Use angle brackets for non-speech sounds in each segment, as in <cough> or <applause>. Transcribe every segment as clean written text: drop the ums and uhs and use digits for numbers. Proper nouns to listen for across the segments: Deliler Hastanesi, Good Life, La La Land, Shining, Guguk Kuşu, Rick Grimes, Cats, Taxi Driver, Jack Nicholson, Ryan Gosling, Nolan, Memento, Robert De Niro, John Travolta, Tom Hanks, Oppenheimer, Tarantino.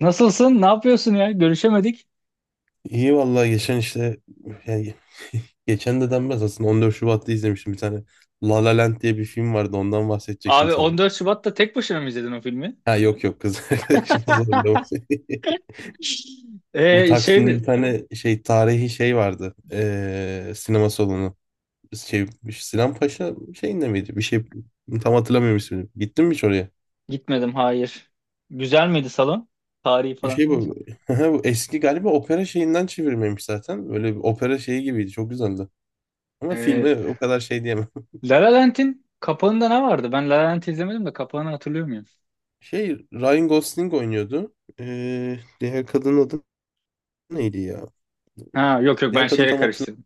Nasılsın? Ne yapıyorsun ya? Görüşemedik. İyi vallahi geçen işte yani <laughs> geçen de denmez aslında 14 Şubat'ta izlemiştim bir tane La La Land diye bir film vardı ondan bahsedecektim Abi sana. 14 Şubat'ta tek başına mı izledin o filmi? Ha yok yok kız <laughs> arkadaşım <laughs> zorlamış. <laughs> Bu Şey Taksim'de mi? bir tane şey tarihi şey vardı. Sinema salonu. Şey, Sinan Paşa şeyinde miydi? Bir şey tam hatırlamıyorum ismini. Gittin mi hiç oraya? Gitmedim, hayır. Güzel miydi salon? Tarihi Bir falan şey deyince. bu. <laughs> Bu eski galiba opera şeyinden çevirmemiş zaten. Böyle bir opera şeyi gibiydi. Çok güzeldi. Ama Ee, filme o kadar şey diyemem. La La Land'in kapağında ne vardı? Ben La La Land'i izlemedim de kapağını hatırlıyor muyum? Şey Ryan Gosling oynuyordu. Diğer kadının adı neydi ya? Ha, yok, yok, ben Diğer kadın şeyle tam hatırlamıyorum. karıştırdım.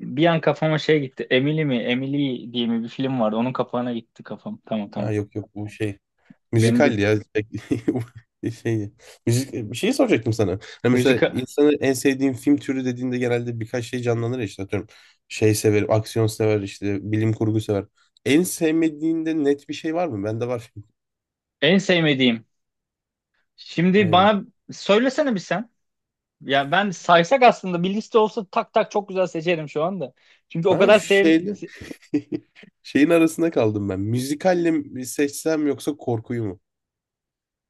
Bir an kafama şey gitti. Emily mi? Emily diye mi bir film vardı? Onun kapağına gitti kafam. Tamam, Ha tamam. yok yok bu şey. Benim de Müzikaldi ya. <laughs> Şey, müzik, bir şey soracaktım sana. Hani mesela müzika insanın en sevdiğin film türü dediğinde genelde birkaç şey canlanır ya işte atıyorum. Şey sever, aksiyon sever, işte bilim kurgu sever. En sevmediğinde net bir şey var mı? Bende var. en sevmediğim. <laughs> Şimdi Aynen. bana söylesene bir sen. Ya ben saysak aslında bir liste olsa tak tak çok güzel seçerim şu anda. Çünkü o Ben kadar şeyle <laughs> şeyin arasında kaldım ben. Müzikalle mi seçsem yoksa korkuyu mu?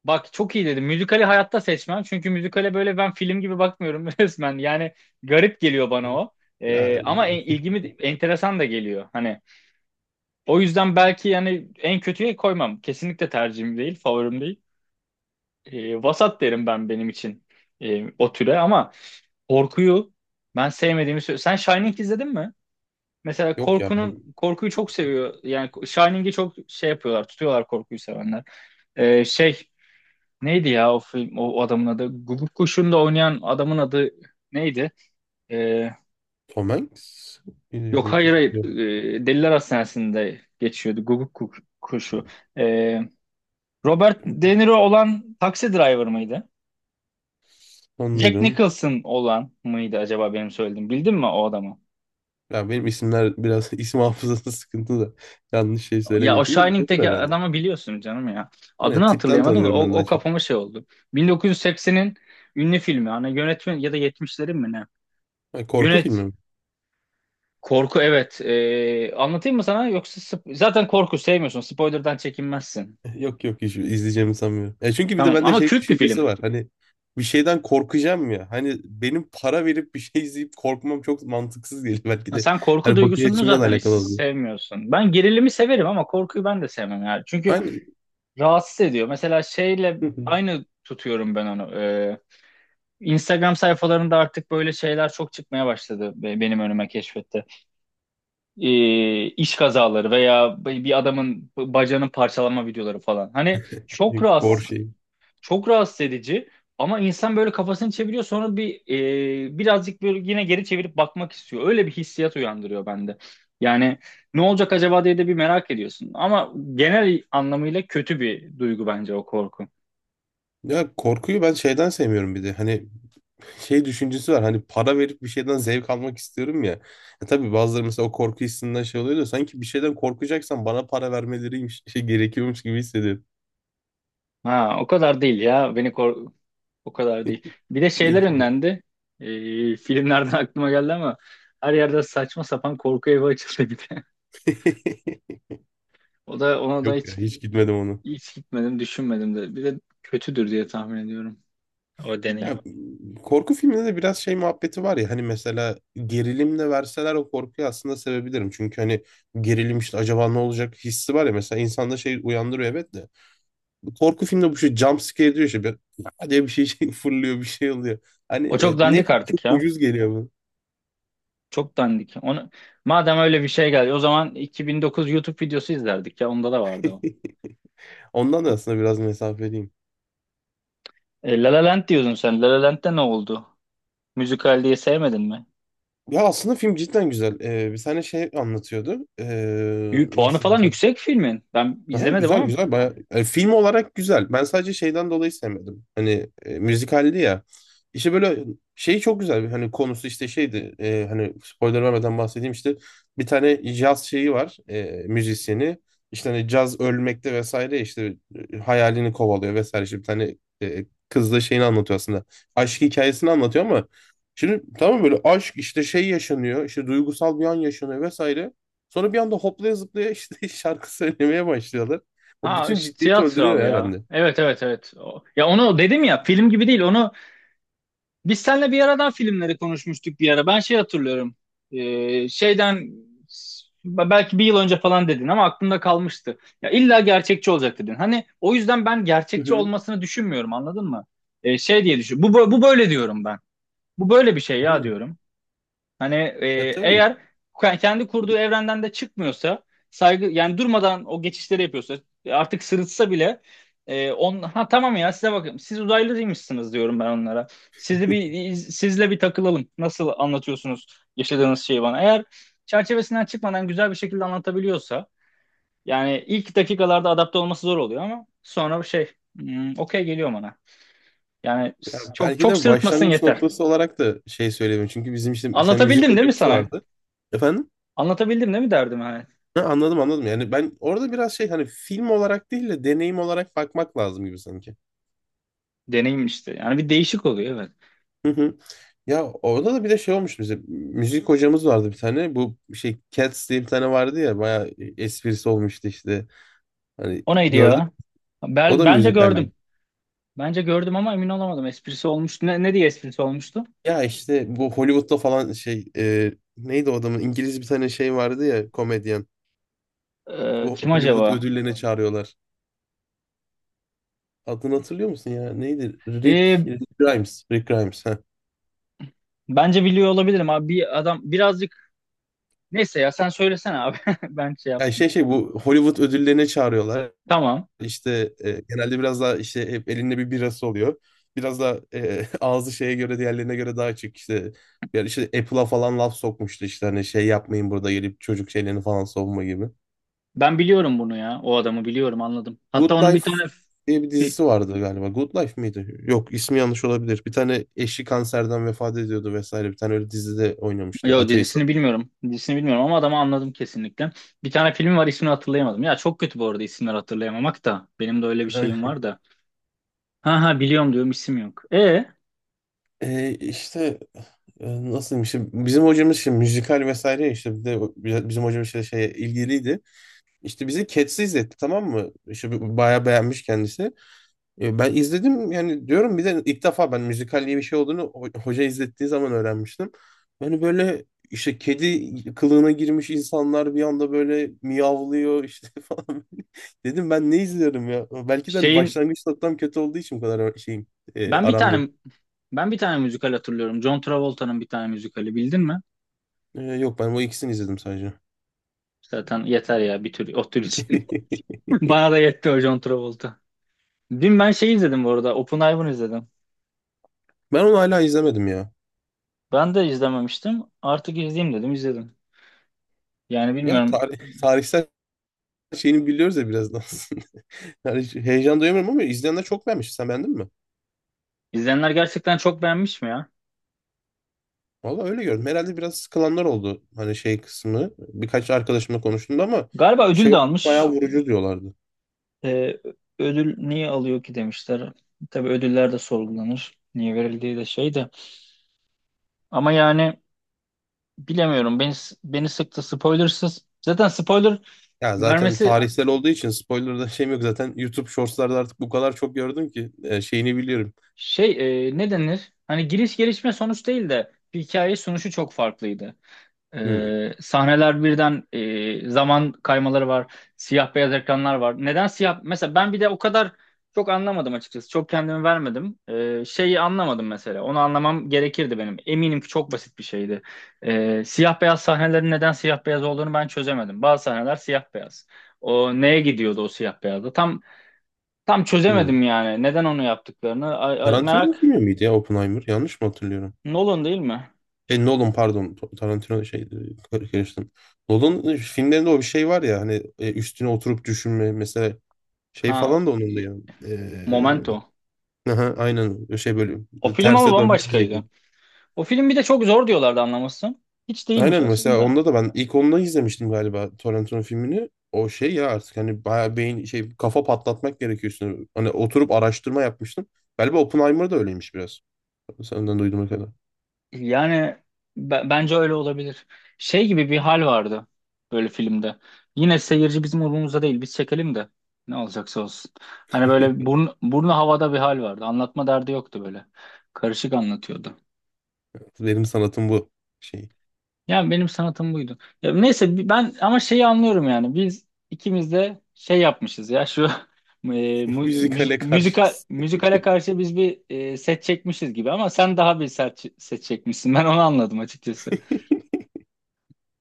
Bak, çok iyi dedim. Müzikali hayatta seçmem. Çünkü müzikale böyle ben film gibi bakmıyorum <laughs> resmen. Yani garip geliyor bana Hı. o. Ya, ama ilgimi enteresan da geliyor. Hani o yüzden belki yani en kötüye koymam. Kesinlikle tercihim değil, favorim değil. Vasat derim ben benim için, o türe. Ama korkuyu ben sevmediğimi söylüyorum. Sen Shining izledin mi? Mesela yok ya ben. korkuyu çok seviyor. Yani Shining'i çok şey yapıyorlar, tutuyorlar korkuyu sevenler. Şey, neydi ya o film, o adamın adı? Guguk Kuşu'nda oynayan adamın adı neydi? Ee, Tom Hanks. Billy yok, bu. hayır, hayır. Yok, Deliler Hastanesi'nde geçiyordu Guguk Kuşu. Ee, Robert De Niro olan Taxi Driver mıydı? Jack sanırım. Nicholson olan mıydı acaba benim söylediğim? Bildin mi o adamı? Ya benim isimler biraz <laughs> isim hafızası sıkıntı da yanlış şey Ya söylemeyeyim o şimdi de olur Shining'deki herhalde. adamı biliyorsun canım ya. Hani Adını tipten hatırlayamadım da tanıyorum ben o daha çok. kafama şey oldu. 1980'in ünlü filmi. Hani yönetmen ya da yetmişlerin mi ne? Ha, korku filmi Yönet. mi? Korku evet. Anlatayım mı sana? Yoksa zaten korku sevmiyorsun. Spoiler'dan çekinmezsin. <laughs> Yok yok, hiç izleyeceğimi sanmıyorum. Ya çünkü bir de Tamam bende ama şey kült bir film. düşüncesi var. Hani bir şeyden korkacağım ya. Hani benim para verip bir şey izleyip korkmam çok mantıksız geliyor <laughs> belki Ha, de. sen korku Hani bakış duygusunu açımla da zaten hiç alakalı oluyor. sevmiyorsun. Ben gerilimi severim ama korkuyu ben de sevmem yani. Çünkü Hani rahatsız ediyor. Mesela şeyle <laughs> aynı tutuyorum ben onu. Instagram sayfalarında artık böyle şeyler çok çıkmaya başladı benim önüme keşfette. İş kazaları veya bir adamın bacağının parçalama videoları falan. Hani çok gor rahatsız, şey. çok rahatsız edici ama insan böyle kafasını çeviriyor sonra bir, birazcık böyle yine geri çevirip bakmak istiyor. Öyle bir hissiyat uyandırıyor bende. Yani ne olacak acaba diye de bir merak ediyorsun. Ama genel anlamıyla kötü bir duygu bence o korku. Ya korkuyu ben şeyden sevmiyorum bir de. Hani şey düşüncesi var, hani para verip bir şeyden zevk almak istiyorum ya. Tabii bazıları mesela o korku hissinden şey oluyor da sanki bir şeyden korkacaksan bana para vermeleriymiş <laughs> şey gerekiyormuş gibi hissediyorum. Ha, o kadar değil ya. Beni kork O kadar değil. Bir de şeyler Belki bu. önlendi. Filmlerden <laughs> aklıma geldi ama her yerde saçma sapan korku evi açıldı bir de. <laughs> <laughs> O da ona da Yok ya, hiç hiç gitmedim onu. hiç gitmedim, düşünmedim de. Bir de kötüdür diye tahmin ediyorum o deneyim. Ya korku filminde de biraz şey muhabbeti var ya, hani mesela gerilimle verseler o korkuyu aslında sevebilirim. Çünkü hani gerilim işte acaba ne olacak hissi var ya, mesela insanda şey uyandırıyor evet de. Bu korku filmde bu şey jump scare diyor işte. Bir, "Aa" diye bir şey, şey fırlıyor, bir şey oluyor. Hani O çok ne dandik ki çok artık ya. ucuz geliyor bu. Çok dandik. Onu madem öyle bir şey geldi o zaman 2009 YouTube videosu izlerdik ya. Onda da vardı o. <laughs> Ondan da O- aslında biraz mesafeliyim. La La Land diyordun sen. La La Land'de ne oldu? Müzikal diye sevmedin mi? Ya aslında film cidden güzel. Bir tane şey anlatıyordu. Puanı Nasıl falan desem. yüksek filmin. Ben Aha, izlemedim güzel ama. güzel baya film olarak güzel. Ben sadece şeyden dolayı sevmedim. Hani müzikaldi ya. İşte böyle şey çok güzel. Hani konusu işte şeydi. Hani spoiler vermeden bahsedeyim işte. Bir tane caz şeyi var. Müzisyeni. İşte hani caz ölmekte vesaire işte hayalini kovalıyor vesaire. İşte bir tane kızla şeyini anlatıyor aslında. Aşk hikayesini anlatıyor ama şimdi tamam böyle aşk işte şey yaşanıyor. İşte duygusal bir an yaşanıyor vesaire. Sonra bir anda hoplaya zıplaya işte <laughs> şarkı söylemeye başlıyorlar. O Ha, bütün işte ciddiyeti öldürüyor tiyatral ya ya. bende. Evet, evet, evet. Ya, onu dedim ya film gibi değil. Onu biz seninle bir aradan filmleri konuşmuştuk bir ara. Ben şey hatırlıyorum. Şeyden, belki bir yıl önce falan dedin ama aklımda kalmıştı. Ya illa gerçekçi olacak dedin. Hani o yüzden ben Hı gerçekçi hı. olmasını düşünmüyorum anladın mı? Şey diye düşün. Bu böyle diyorum ben. Bu böyle bir şey ya Aynen. diyorum. Hani, Ya tabii. eğer kendi kurduğu evrenden de çıkmıyorsa saygı yani durmadan o geçişleri yapıyorsa, artık sırıtsa bile, e, on ha, tamam ya, size bakın siz uzaylıymışsınız diyorum ben onlara. Sizi bir sizle bir takılalım. Nasıl anlatıyorsunuz yaşadığınız şeyi bana? Eğer çerçevesinden çıkmadan güzel bir şekilde anlatabiliyorsa yani ilk dakikalarda adapte olması zor oluyor ama sonra şey, okey geliyor bana. Yani Ya çok belki çok de sırıtmasın başlangıç yeter. noktası olarak da şey söyleyeyim. Çünkü bizim işte bir tane müzik Anlatabildim değil mi hocamız sana? vardı. Efendim? Anlatabildim değil mi derdim hani? Ha, anladım anladım. Yani ben orada biraz şey, hani film olarak değil de deneyim olarak bakmak lazım gibi sanki. Deneyim işte. Yani bir değişik oluyor evet. Hı hı. Ya orada da bir de şey olmuş bize. Müzik hocamız vardı bir tane. Bu şey Cats diye bir tane vardı ya. Bayağı esprisi olmuştu işte. Hani O neydi gördüm. ya? O Ben, da bence müzikaldi. gördüm. Bence gördüm ama emin olamadım. Esprisi olmuştu. Ne diye esprisi olmuştu? Ya işte bu Hollywood'da falan şey, neydi o adamın, İngiliz bir tane şey vardı ya komedyen. Ee, Bu kim Hollywood acaba? ödüllerine çağırıyorlar. Adını hatırlıyor musun ya? Neydi? Rick, Ee, Rick Grimes. Rick Grimes. Ha. bence biliyor olabilirim abi. Bir adam birazcık. Neyse ya, sen söylesene abi. <laughs> Ben şey yap. Yani şey şey bu Hollywood ödüllerine çağırıyorlar. Tamam. İşte genelde biraz daha işte hep elinde bir birası oluyor. Biraz da <laughs> ağzı şeye göre, diğerlerine göre daha açık işte. Yani işte Apple'a falan laf sokmuştu işte, hani şey yapmayın burada gelip çocuk şeylerini falan savunma gibi. Ben biliyorum bunu ya. O adamı biliyorum, anladım. Hatta Good onun bir Life tane. diye bir fi- dizisi vardı galiba. Good Life miydi? Yok, ismi yanlış olabilir. Bir tane eşi kanserden vefat ediyordu vesaire. Bir tane öyle dizide oynamıştı. Yo, Ateist. dizisini bilmiyorum. Dizisini bilmiyorum ama adamı anladım kesinlikle. Bir tane filmi var ismini hatırlayamadım. Ya çok kötü bu arada isimleri hatırlayamamak da. Benim de öyle bir şeyim Yani, var da. Ha ha, biliyorum diyorum, isim yok. E e, işte nasıl işte bizim hocamız şimdi müzikal vesaire ya, işte bir de bizim hocamız şey şeye ilgiliydi. İşte bizi Cats'i izletti, tamam mı? İşte bayağı beğenmiş kendisi. Ben izledim yani diyorum, bir de ilk defa ben müzikal diye bir şey olduğunu hoca izlettiği zaman öğrenmiştim. Yani böyle işte kedi kılığına girmiş insanlar bir anda böyle miyavlıyor işte <laughs> falan. Dedim ben ne izliyorum ya? Belki de hani şeyin başlangıç noktam kötü olduğu için bu kadar şeyim, ben bir aram yok. tane ben bir tane müzikal hatırlıyorum. John Travolta'nın bir tane müzikali bildin mi? Yok, ben o ikisini izledim sadece. Zaten yeter ya bir tür o tür için. <laughs> <laughs> Bana da yetti o John Travolta. Dün ben şey izledim bu arada. Oppenheimer izledim. Ben onu hala izlemedim ya. Ben de izlememiştim. Artık izleyeyim dedim izledim. Yani Ya bilmiyorum. Tarihsel şeyini biliyoruz ya biraz da aslında. <laughs> Yani heyecan duyamıyorum ama izleyenler çok beğenmiş. Sen beğendin mi? İzleyenler gerçekten çok beğenmiş mi ya? Valla öyle gördüm. Herhalde biraz sıkılanlar oldu. Hani şey kısmı. Birkaç arkadaşımla konuştum ama Galiba ödül şey de almış. bayağı vurucu diyorlardı. E, ödül niye alıyor ki demişler. Tabii ödüller de sorgulanır. Niye verildiği de şey de. Ama yani bilemiyorum. Beni sıktı spoilersız. Zaten spoiler Ya zaten vermesi tarihsel olduğu için spoiler'da şeyim yok. Zaten YouTube Shorts'larda artık bu kadar çok gördüm ki şeyini biliyorum. şey, ne denir? Hani giriş gelişme sonuç değil de bir hikaye sunuşu çok farklıydı. Hmm, Sahneler birden, zaman kaymaları var. Siyah beyaz ekranlar var. Neden siyah? Mesela ben bir de o kadar çok anlamadım açıkçası. Çok kendimi vermedim. Şeyi anlamadım mesela. Onu anlamam gerekirdi benim. Eminim ki çok basit bir şeydi. Siyah beyaz sahnelerin neden siyah beyaz olduğunu ben çözemedim. Bazı sahneler siyah beyaz. O neye gidiyordu o siyah beyazda? Tam hmm. çözemedim yani. Neden onu yaptıklarını. Ay, ay, Tarantino'nun merak. filmi miydi ya Oppenheimer? Yanlış mı hatırlıyorum? Nolan değil mi? Nolan, pardon. Tarantino şeydi. Karıştım. Nolan filmlerinde o bir şey var ya, hani üstüne oturup düşünme mesela şey Ha, falan da onun da ya. Momento. <laughs> Aha, aynen şey böyle O film ama terse dönme diyecek. bambaşkaydı. O film bir de çok zor diyorlardı anlaması. Hiç değilmiş Aynen, mesela aslında. onda da ben ilk ondan izlemiştim galiba Torrentino filmini. O şey ya artık hani bayağı beyin şey kafa patlatmak gerekiyor üstüne. Hani oturup araştırma yapmıştım. Galiba Oppenheimer da öyleymiş biraz. Senden duyduğuma kadar. Yani bence öyle olabilir. Şey gibi bir hal vardı böyle filmde. Yine seyirci bizim umurumuzda değil. Biz çekelim de ne olacaksa olsun. Hani böyle <laughs> burnu havada bir hal vardı. Anlatma derdi yoktu böyle. Karışık anlatıyordu. Benim sanatım bu şey. Yani benim sanatım buydu. Ya neyse ben ama şeyi anlıyorum yani. Biz ikimiz de şey yapmışız ya şu <laughs> <laughs> Müzikale karşı. müzikal müzikale karşı biz bir, set çekmişiz gibi ama sen daha bir set çekmişsin. Ben onu anladım açıkçası.